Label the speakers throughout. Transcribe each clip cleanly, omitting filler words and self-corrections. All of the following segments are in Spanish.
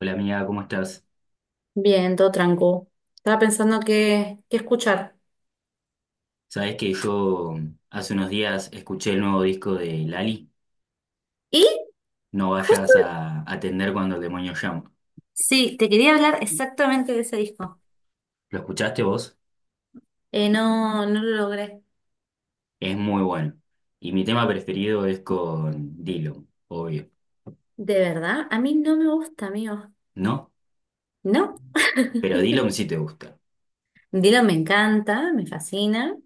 Speaker 1: Hola amiga, ¿cómo estás?
Speaker 2: Bien, todo tranquilo. Estaba pensando qué escuchar.
Speaker 1: Sabes que yo hace unos días escuché el nuevo disco de Lali,
Speaker 2: Y
Speaker 1: no
Speaker 2: justo,
Speaker 1: vayas a atender cuando el demonio llama.
Speaker 2: sí, te quería hablar exactamente de ese disco.
Speaker 1: ¿Lo escuchaste vos?
Speaker 2: No, no lo logré.
Speaker 1: Es muy bueno. Y mi tema preferido es con Dillom, obvio,
Speaker 2: De verdad, a mí no me gusta, amigo.
Speaker 1: ¿no?
Speaker 2: No.
Speaker 1: Pero Dillom sí te gusta.
Speaker 2: Dylan me encanta, me fascina.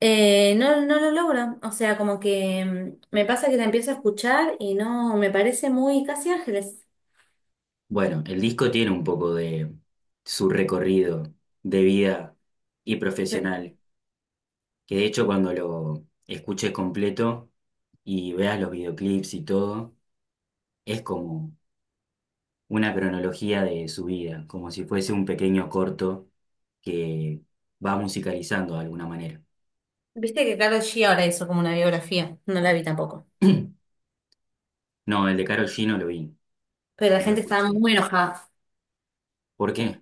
Speaker 2: No, no lo logro. O sea, como que me pasa que la empiezo a escuchar y no, me parece muy casi Ángeles.
Speaker 1: Bueno, el disco tiene un poco de su recorrido de vida y
Speaker 2: Sí.
Speaker 1: profesional, que de hecho cuando lo escuches completo y veas los videoclips y todo, es como una cronología de su vida, como si fuese un pequeño corto que va musicalizando de alguna manera.
Speaker 2: Viste que Karol G ahora hizo como una biografía. No la vi tampoco.
Speaker 1: No, el de Karol G no lo vi,
Speaker 2: Pero la
Speaker 1: no lo
Speaker 2: gente estaba
Speaker 1: escuché.
Speaker 2: muy enojada.
Speaker 1: ¿Por qué?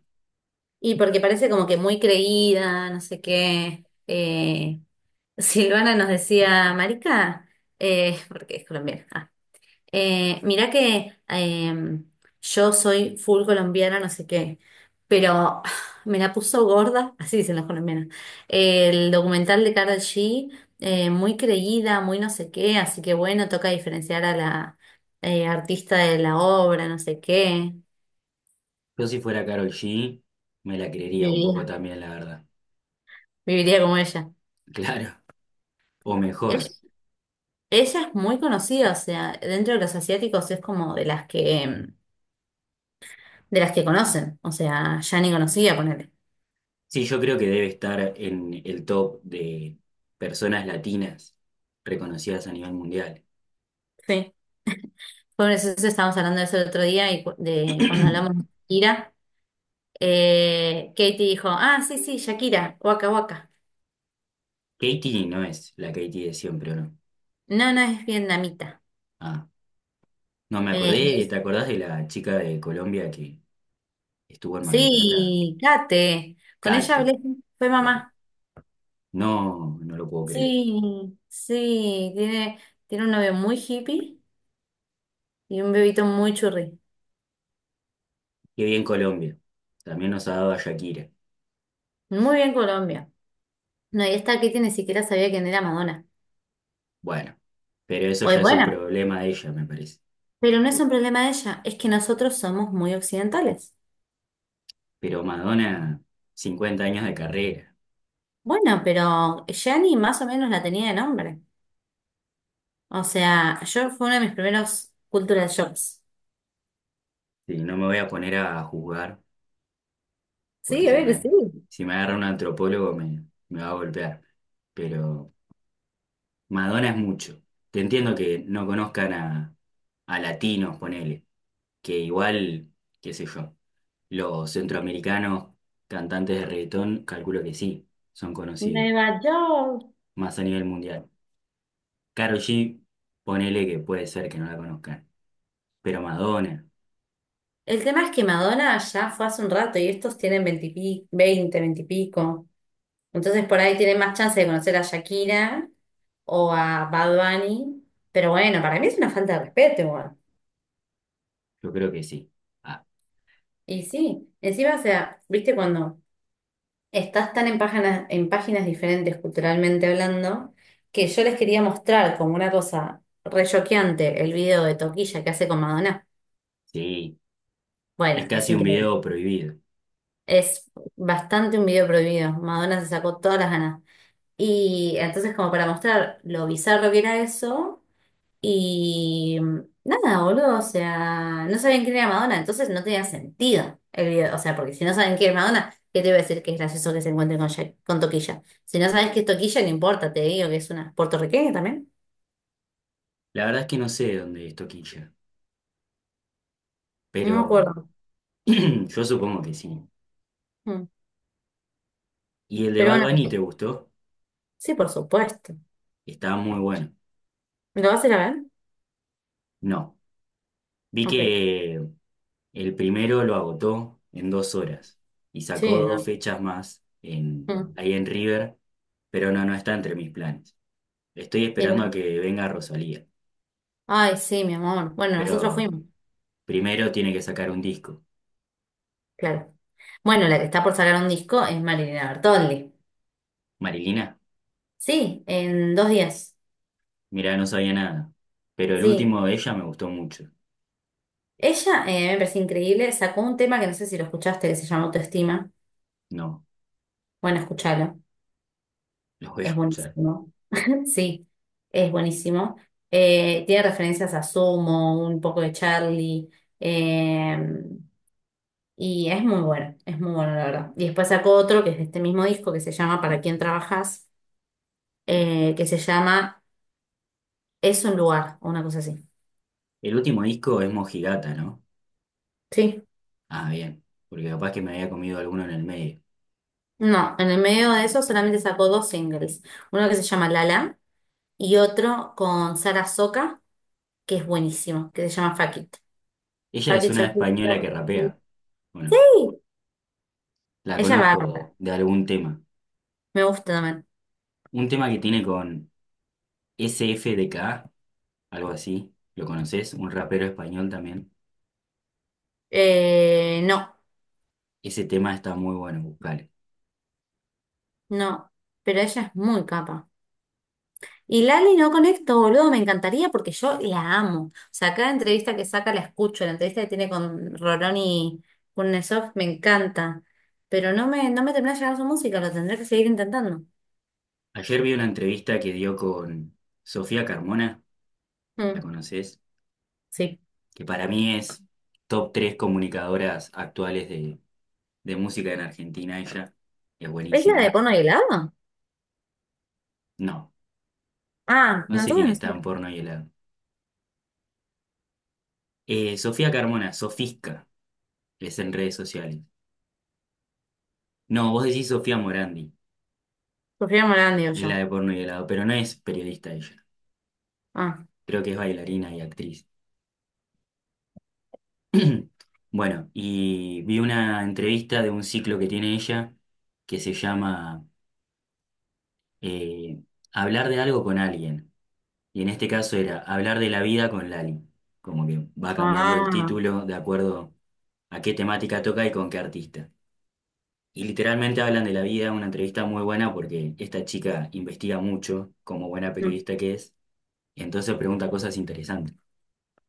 Speaker 2: Y porque parece como que muy creída, no sé qué. Silvana nos decía, Marica, porque es colombiana. Ah, mirá que yo soy full colombiana, no sé qué, pero me la puso gorda, así dicen las colombianas. El documental de Karol G, muy creída, muy no sé qué, así que bueno, toca diferenciar a la artista de la obra, no sé qué.
Speaker 1: Yo si fuera Karol G me la creería un poco
Speaker 2: Viviría,
Speaker 1: también, la verdad.
Speaker 2: viviría como ella.
Speaker 1: Claro, o mejor.
Speaker 2: Ella es muy conocida, o sea, dentro de los asiáticos es como de las que, de las que conocen, o sea, ya ni conocía ponerle.
Speaker 1: Sí, yo creo que debe estar en el top de personas latinas reconocidas a nivel mundial.
Speaker 2: Sí. Por eso estábamos hablando de eso el otro día y de cuando hablamos de Shakira, Katie dijo, ah, sí, sí, Shakira, Waka Waka.
Speaker 1: Katie no es la Katie de siempre, ¿o no?
Speaker 2: No, no es vietnamita.
Speaker 1: Ah, no me
Speaker 2: Eh,
Speaker 1: acordé, ¿te acordás de la chica de Colombia que estuvo en Mar del Plata?
Speaker 2: sí, Kate, con ella
Speaker 1: Cate.
Speaker 2: hablé, fue
Speaker 1: Eh,
Speaker 2: mamá.
Speaker 1: no, no lo puedo creer.
Speaker 2: Sí, sí, tiene un novio muy hippie y un bebito muy churri.
Speaker 1: Qué bien Colombia. También nos ha dado a Shakira.
Speaker 2: Muy bien Colombia. No, y esta Kitty ni siquiera sabía quién era Madonna.
Speaker 1: Bueno, pero eso
Speaker 2: Oye,
Speaker 1: ya es un
Speaker 2: bueno,
Speaker 1: problema de ella, me parece.
Speaker 2: pero no es un problema de ella, es que nosotros somos muy occidentales.
Speaker 1: Pero Madonna, 50 años de carrera.
Speaker 2: Bueno, pero Gianni más o menos la tenía de nombre. O sea, yo fue uno de mis primeros cultural shocks.
Speaker 1: Sí, no me voy a poner a juzgar, porque
Speaker 2: Sí, a ver que sí.
Speaker 1: si me agarra un antropólogo me va a golpear. Pero Madonna es mucho. Te entiendo que no conozcan a latinos, ponele. Que igual, qué sé yo. Los centroamericanos, cantantes de reggaetón, calculo que sí, son conocidos,
Speaker 2: Nueva York.
Speaker 1: más a nivel mundial. Karol G, ponele que puede ser que no la conozcan, pero Madonna,
Speaker 2: El tema es que Madonna ya fue hace un rato y estos tienen veinte y pico. Entonces por ahí tienen más chance de conocer a Shakira o a Bad Bunny. Pero bueno, para mí es una falta de respeto.
Speaker 1: yo creo que sí. Ah,
Speaker 2: Y sí, encima, o sea, viste cuando estás tan en páginas, diferentes culturalmente hablando, que yo les quería mostrar como una cosa re choqueante el video de Toquilla que hace con Madonna.
Speaker 1: sí, es
Speaker 2: Bueno, es
Speaker 1: casi un
Speaker 2: increíble.
Speaker 1: video prohibido.
Speaker 2: Es bastante un video prohibido. Madonna se sacó todas las ganas. Y entonces, como para mostrar lo bizarro que era eso, y nada, boludo, o sea, no sabían quién era Madonna, entonces no tenía sentido el video. O sea, porque si no saben quién es Madonna, ¿qué te voy a decir que es gracioso que se encuentre con con Toquilla? Si no sabes que es Toquilla, no importa, te digo que es una puertorriqueña también.
Speaker 1: La verdad es que no sé dónde es Toquilla,
Speaker 2: No me
Speaker 1: pero
Speaker 2: acuerdo.
Speaker 1: yo supongo que sí.
Speaker 2: Mm.
Speaker 1: ¿Y el de
Speaker 2: Pero
Speaker 1: Bad
Speaker 2: bueno,
Speaker 1: Bunny te gustó?
Speaker 2: sí, por supuesto.
Speaker 1: Estaba muy bueno.
Speaker 2: ¿Me lo vas a ir a ver?
Speaker 1: No, vi
Speaker 2: Ok.
Speaker 1: que el primero lo agotó en dos horas y sacó
Speaker 2: Sí,
Speaker 1: dos
Speaker 2: no.
Speaker 1: fechas más en,
Speaker 2: Mm.
Speaker 1: ahí en River, pero no, no está entre mis planes. Estoy
Speaker 2: Y
Speaker 1: esperando a
Speaker 2: ya.
Speaker 1: que venga Rosalía,
Speaker 2: Ay, sí, mi amor. Bueno, nosotros
Speaker 1: pero
Speaker 2: fuimos,
Speaker 1: primero tiene que sacar un disco.
Speaker 2: claro. Bueno, la que está por sacar un disco es Marilina Bertoldi.
Speaker 1: Marilina,
Speaker 2: Sí, en 2 días.
Speaker 1: mira, no sabía nada, pero el
Speaker 2: Sí.
Speaker 1: último de ella me gustó mucho.
Speaker 2: Ella, me parece increíble, sacó un tema que no sé si lo escuchaste, que se llama Autoestima.
Speaker 1: No,
Speaker 2: Bueno, escúchalo,
Speaker 1: los voy a
Speaker 2: es
Speaker 1: escuchar.
Speaker 2: buenísimo. Sí, es buenísimo. Tiene referencias a Sumo, un poco de Charlie, eh, y es muy bueno, la verdad. Y después sacó otro que es de este mismo disco que se llama ¿Para quién trabajas? Que se llama Es un lugar, o una cosa así.
Speaker 1: El último disco es Mojigata, ¿no?
Speaker 2: Sí.
Speaker 1: Ah, bien, porque capaz que me había comido alguno en el medio.
Speaker 2: No, en el medio de eso solamente sacó dos singles, uno que se llama Lala y otro con Sara Soca que es buenísimo, que se llama Fuck It.
Speaker 1: Ella
Speaker 2: Fuck
Speaker 1: es
Speaker 2: It,
Speaker 1: una
Speaker 2: Chocolate
Speaker 1: española que
Speaker 2: Factory.
Speaker 1: rapea. Bueno,
Speaker 2: Sí,
Speaker 1: la
Speaker 2: ella va a comprar.
Speaker 1: conozco de algún tema.
Speaker 2: Me gusta también.
Speaker 1: Un tema que tiene con SFDK, algo así, ¿lo conoces? Un rapero español también.
Speaker 2: No,
Speaker 1: Ese tema está muy bueno, buscale.
Speaker 2: no, pero ella es muy capa. Y Lali no conecto, boludo, me encantaría porque yo la amo. O sea, cada entrevista que saca la escucho, la entrevista que tiene con Rolón y Kurnesov me encanta. Pero no me termina de llegar su música, lo tendré que seguir intentando.
Speaker 1: Ayer vi una entrevista que dio con Sofía Carmona, ¿la
Speaker 2: Mm,
Speaker 1: conoces?
Speaker 2: sí.
Speaker 1: Que para mí es top 3 comunicadoras actuales de música en Argentina, ella es
Speaker 2: ¿Es la de
Speaker 1: buenísima.
Speaker 2: Pono y helado?
Speaker 1: No,
Speaker 2: Ah,
Speaker 1: no
Speaker 2: no,
Speaker 1: sé quién
Speaker 2: entonces no
Speaker 1: está en
Speaker 2: sé.
Speaker 1: porno y helado. Sofía Carmona, Sofisca, es en redes sociales. No, vos decís Sofía Morandi,
Speaker 2: Sofía Morán, digo
Speaker 1: es
Speaker 2: yo.
Speaker 1: la de porno y helado, pero no es periodista ella,
Speaker 2: Ah,
Speaker 1: creo que es bailarina y actriz. Bueno, y vi una entrevista de un ciclo que tiene ella que se llama eh, hablar de algo con alguien. Y en este caso era hablar de la vida con Lali. Como que va cambiando el
Speaker 2: ah,
Speaker 1: título de acuerdo a qué temática toca y con qué artista. Y literalmente hablan de la vida, una entrevista muy buena porque esta chica investiga mucho, como buena
Speaker 2: mm,
Speaker 1: periodista que es, y entonces pregunta cosas interesantes.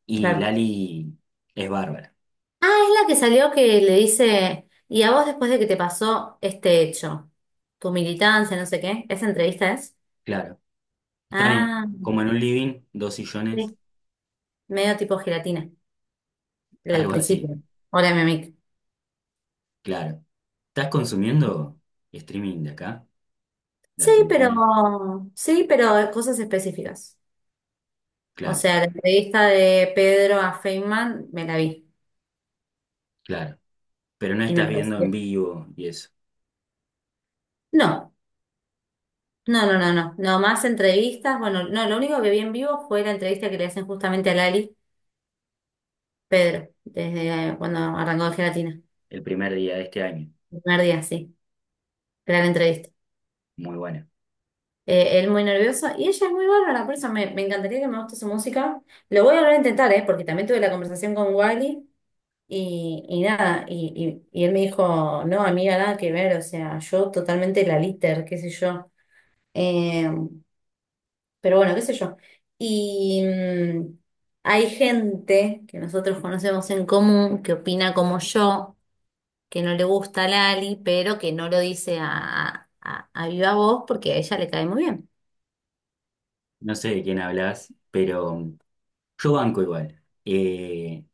Speaker 1: Y
Speaker 2: claro.
Speaker 1: Lali es bárbara,
Speaker 2: Ah, es la que salió que le dice, y a vos después de que te pasó este hecho, tu militancia, no sé qué, ¿esa entrevista es?
Speaker 1: claro. Están en-
Speaker 2: Ah,
Speaker 1: como en un living, dos sillones.
Speaker 2: sí, medio tipo gelatina, la del
Speaker 1: Algo así,
Speaker 2: principio. Hola, mi amiga.
Speaker 1: claro. ¿Estás consumiendo streaming de acá, de
Speaker 2: Sí, pero,
Speaker 1: Argentina?
Speaker 2: sí, pero cosas específicas. O
Speaker 1: Claro,
Speaker 2: sea, la entrevista de Pedro a Feynman me la vi
Speaker 1: claro. Pero no
Speaker 2: y me
Speaker 1: estás viendo
Speaker 2: pareció.
Speaker 1: en vivo y eso.
Speaker 2: No, no, no, no, no, no más entrevistas. Bueno, no, lo único que vi en vivo fue la entrevista que le hacen justamente a Lali, Pedro, desde cuando arrancó de gelatina.
Speaker 1: El primer día de este año.
Speaker 2: El primer día, sí, era la entrevista.
Speaker 1: Muy bueno.
Speaker 2: Él muy nervioso y ella es muy bárbara, por eso me encantaría que me guste su música. Lo voy a volver a intentar, ¿eh? Porque también tuve la conversación con Wiley y, nada, y él me dijo, no, amiga, nada que ver, o sea, yo totalmente la liter, qué sé yo. Eh, pero bueno, qué sé yo. Y hay gente que nosotros conocemos en común que opina como yo que no le gusta a Lali, pero que no lo dice a viva voz porque a ella le cae muy bien.
Speaker 1: No sé de quién hablas, pero yo banco igual.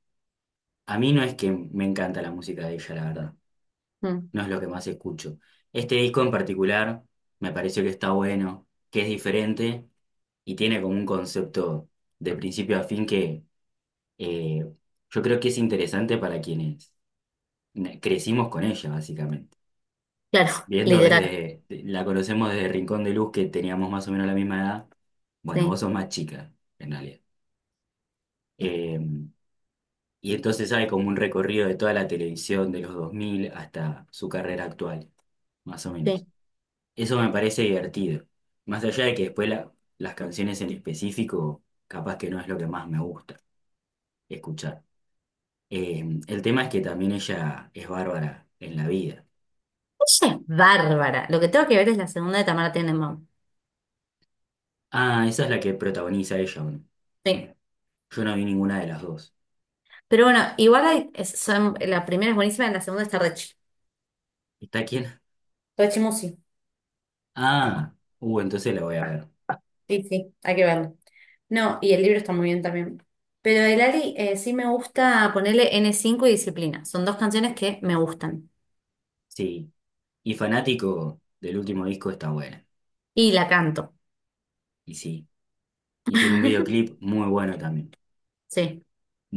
Speaker 1: A mí no es que me encanta la música de ella, la verdad.
Speaker 2: Mm,
Speaker 1: No es lo que más escucho. Este disco en particular me pareció que está bueno, que es diferente y tiene como un concepto de principio a fin que eh, yo creo que es interesante para quienes ne- crecimos con ella, básicamente.
Speaker 2: claro,
Speaker 1: Viendo
Speaker 2: literal.
Speaker 1: desde, la conocemos desde Rincón de Luz, que teníamos más o menos la misma edad. Bueno,
Speaker 2: Sí,
Speaker 1: vos sos más chica, en realidad. Eh, y entonces hay como un recorrido de toda la televisión de los 2000 hasta su carrera actual, más o
Speaker 2: sí.
Speaker 1: menos. Eso me parece divertido. Más allá de que después la- las canciones en específico, capaz que no es lo que más me gusta escuchar. El tema es que también ella es bárbara en la vida.
Speaker 2: Ella es bárbara. Lo que tengo que ver es la segunda de Tamara Tenenbaum.
Speaker 1: Ah, esa es la que protagoniza ella, ¿o no?
Speaker 2: Sí.
Speaker 1: Yo no vi ninguna de las dos.
Speaker 2: Pero bueno, igual hay- es- son, la primera es buenísima, la segunda está Rechi.
Speaker 1: ¿Está quién?
Speaker 2: Rechi Musi.
Speaker 1: Ah, entonces la voy a ver.
Speaker 2: Sí, sí, hay que verlo. No, y el libro está muy bien también. Pero de Lali, sí me gusta ponerle N5 y Disciplina. Son dos canciones que me gustan.
Speaker 1: Sí. Y fanático del último disco está buena.
Speaker 2: Y la canto.
Speaker 1: Y sí. Y tiene un videoclip muy bueno también.
Speaker 2: Sí,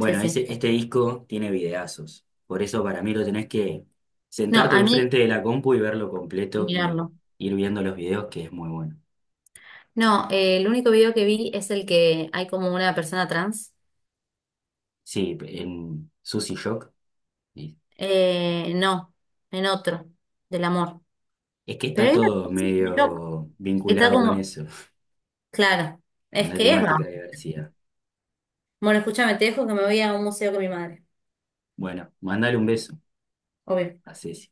Speaker 2: sí, sí.
Speaker 1: ese, este disco tiene videazos. Por eso para mí lo tenés que
Speaker 2: No,
Speaker 1: sentarte
Speaker 2: a mí,
Speaker 1: enfrente de la compu y verlo completo y
Speaker 2: mirarlo.
Speaker 1: ir viendo los videos, que es muy bueno.
Speaker 2: No, el único video que vi es el que hay como una persona trans.
Speaker 1: Sí, en Sushi Shock. Sí.
Speaker 2: No, en otro, del amor.
Speaker 1: Es que
Speaker 2: Pero
Speaker 1: está
Speaker 2: hay una
Speaker 1: todo
Speaker 2: cosa que me choca,
Speaker 1: medio
Speaker 2: que está
Speaker 1: vinculado con
Speaker 2: como,
Speaker 1: eso,
Speaker 2: claro,
Speaker 1: con
Speaker 2: es
Speaker 1: la
Speaker 2: que es
Speaker 1: temática
Speaker 2: bravo.
Speaker 1: de diversidad.
Speaker 2: Bueno, escúchame, te dejo que me voy a un museo con mi madre.
Speaker 1: Bueno, mandale un beso
Speaker 2: Obvio.
Speaker 1: a Ceci.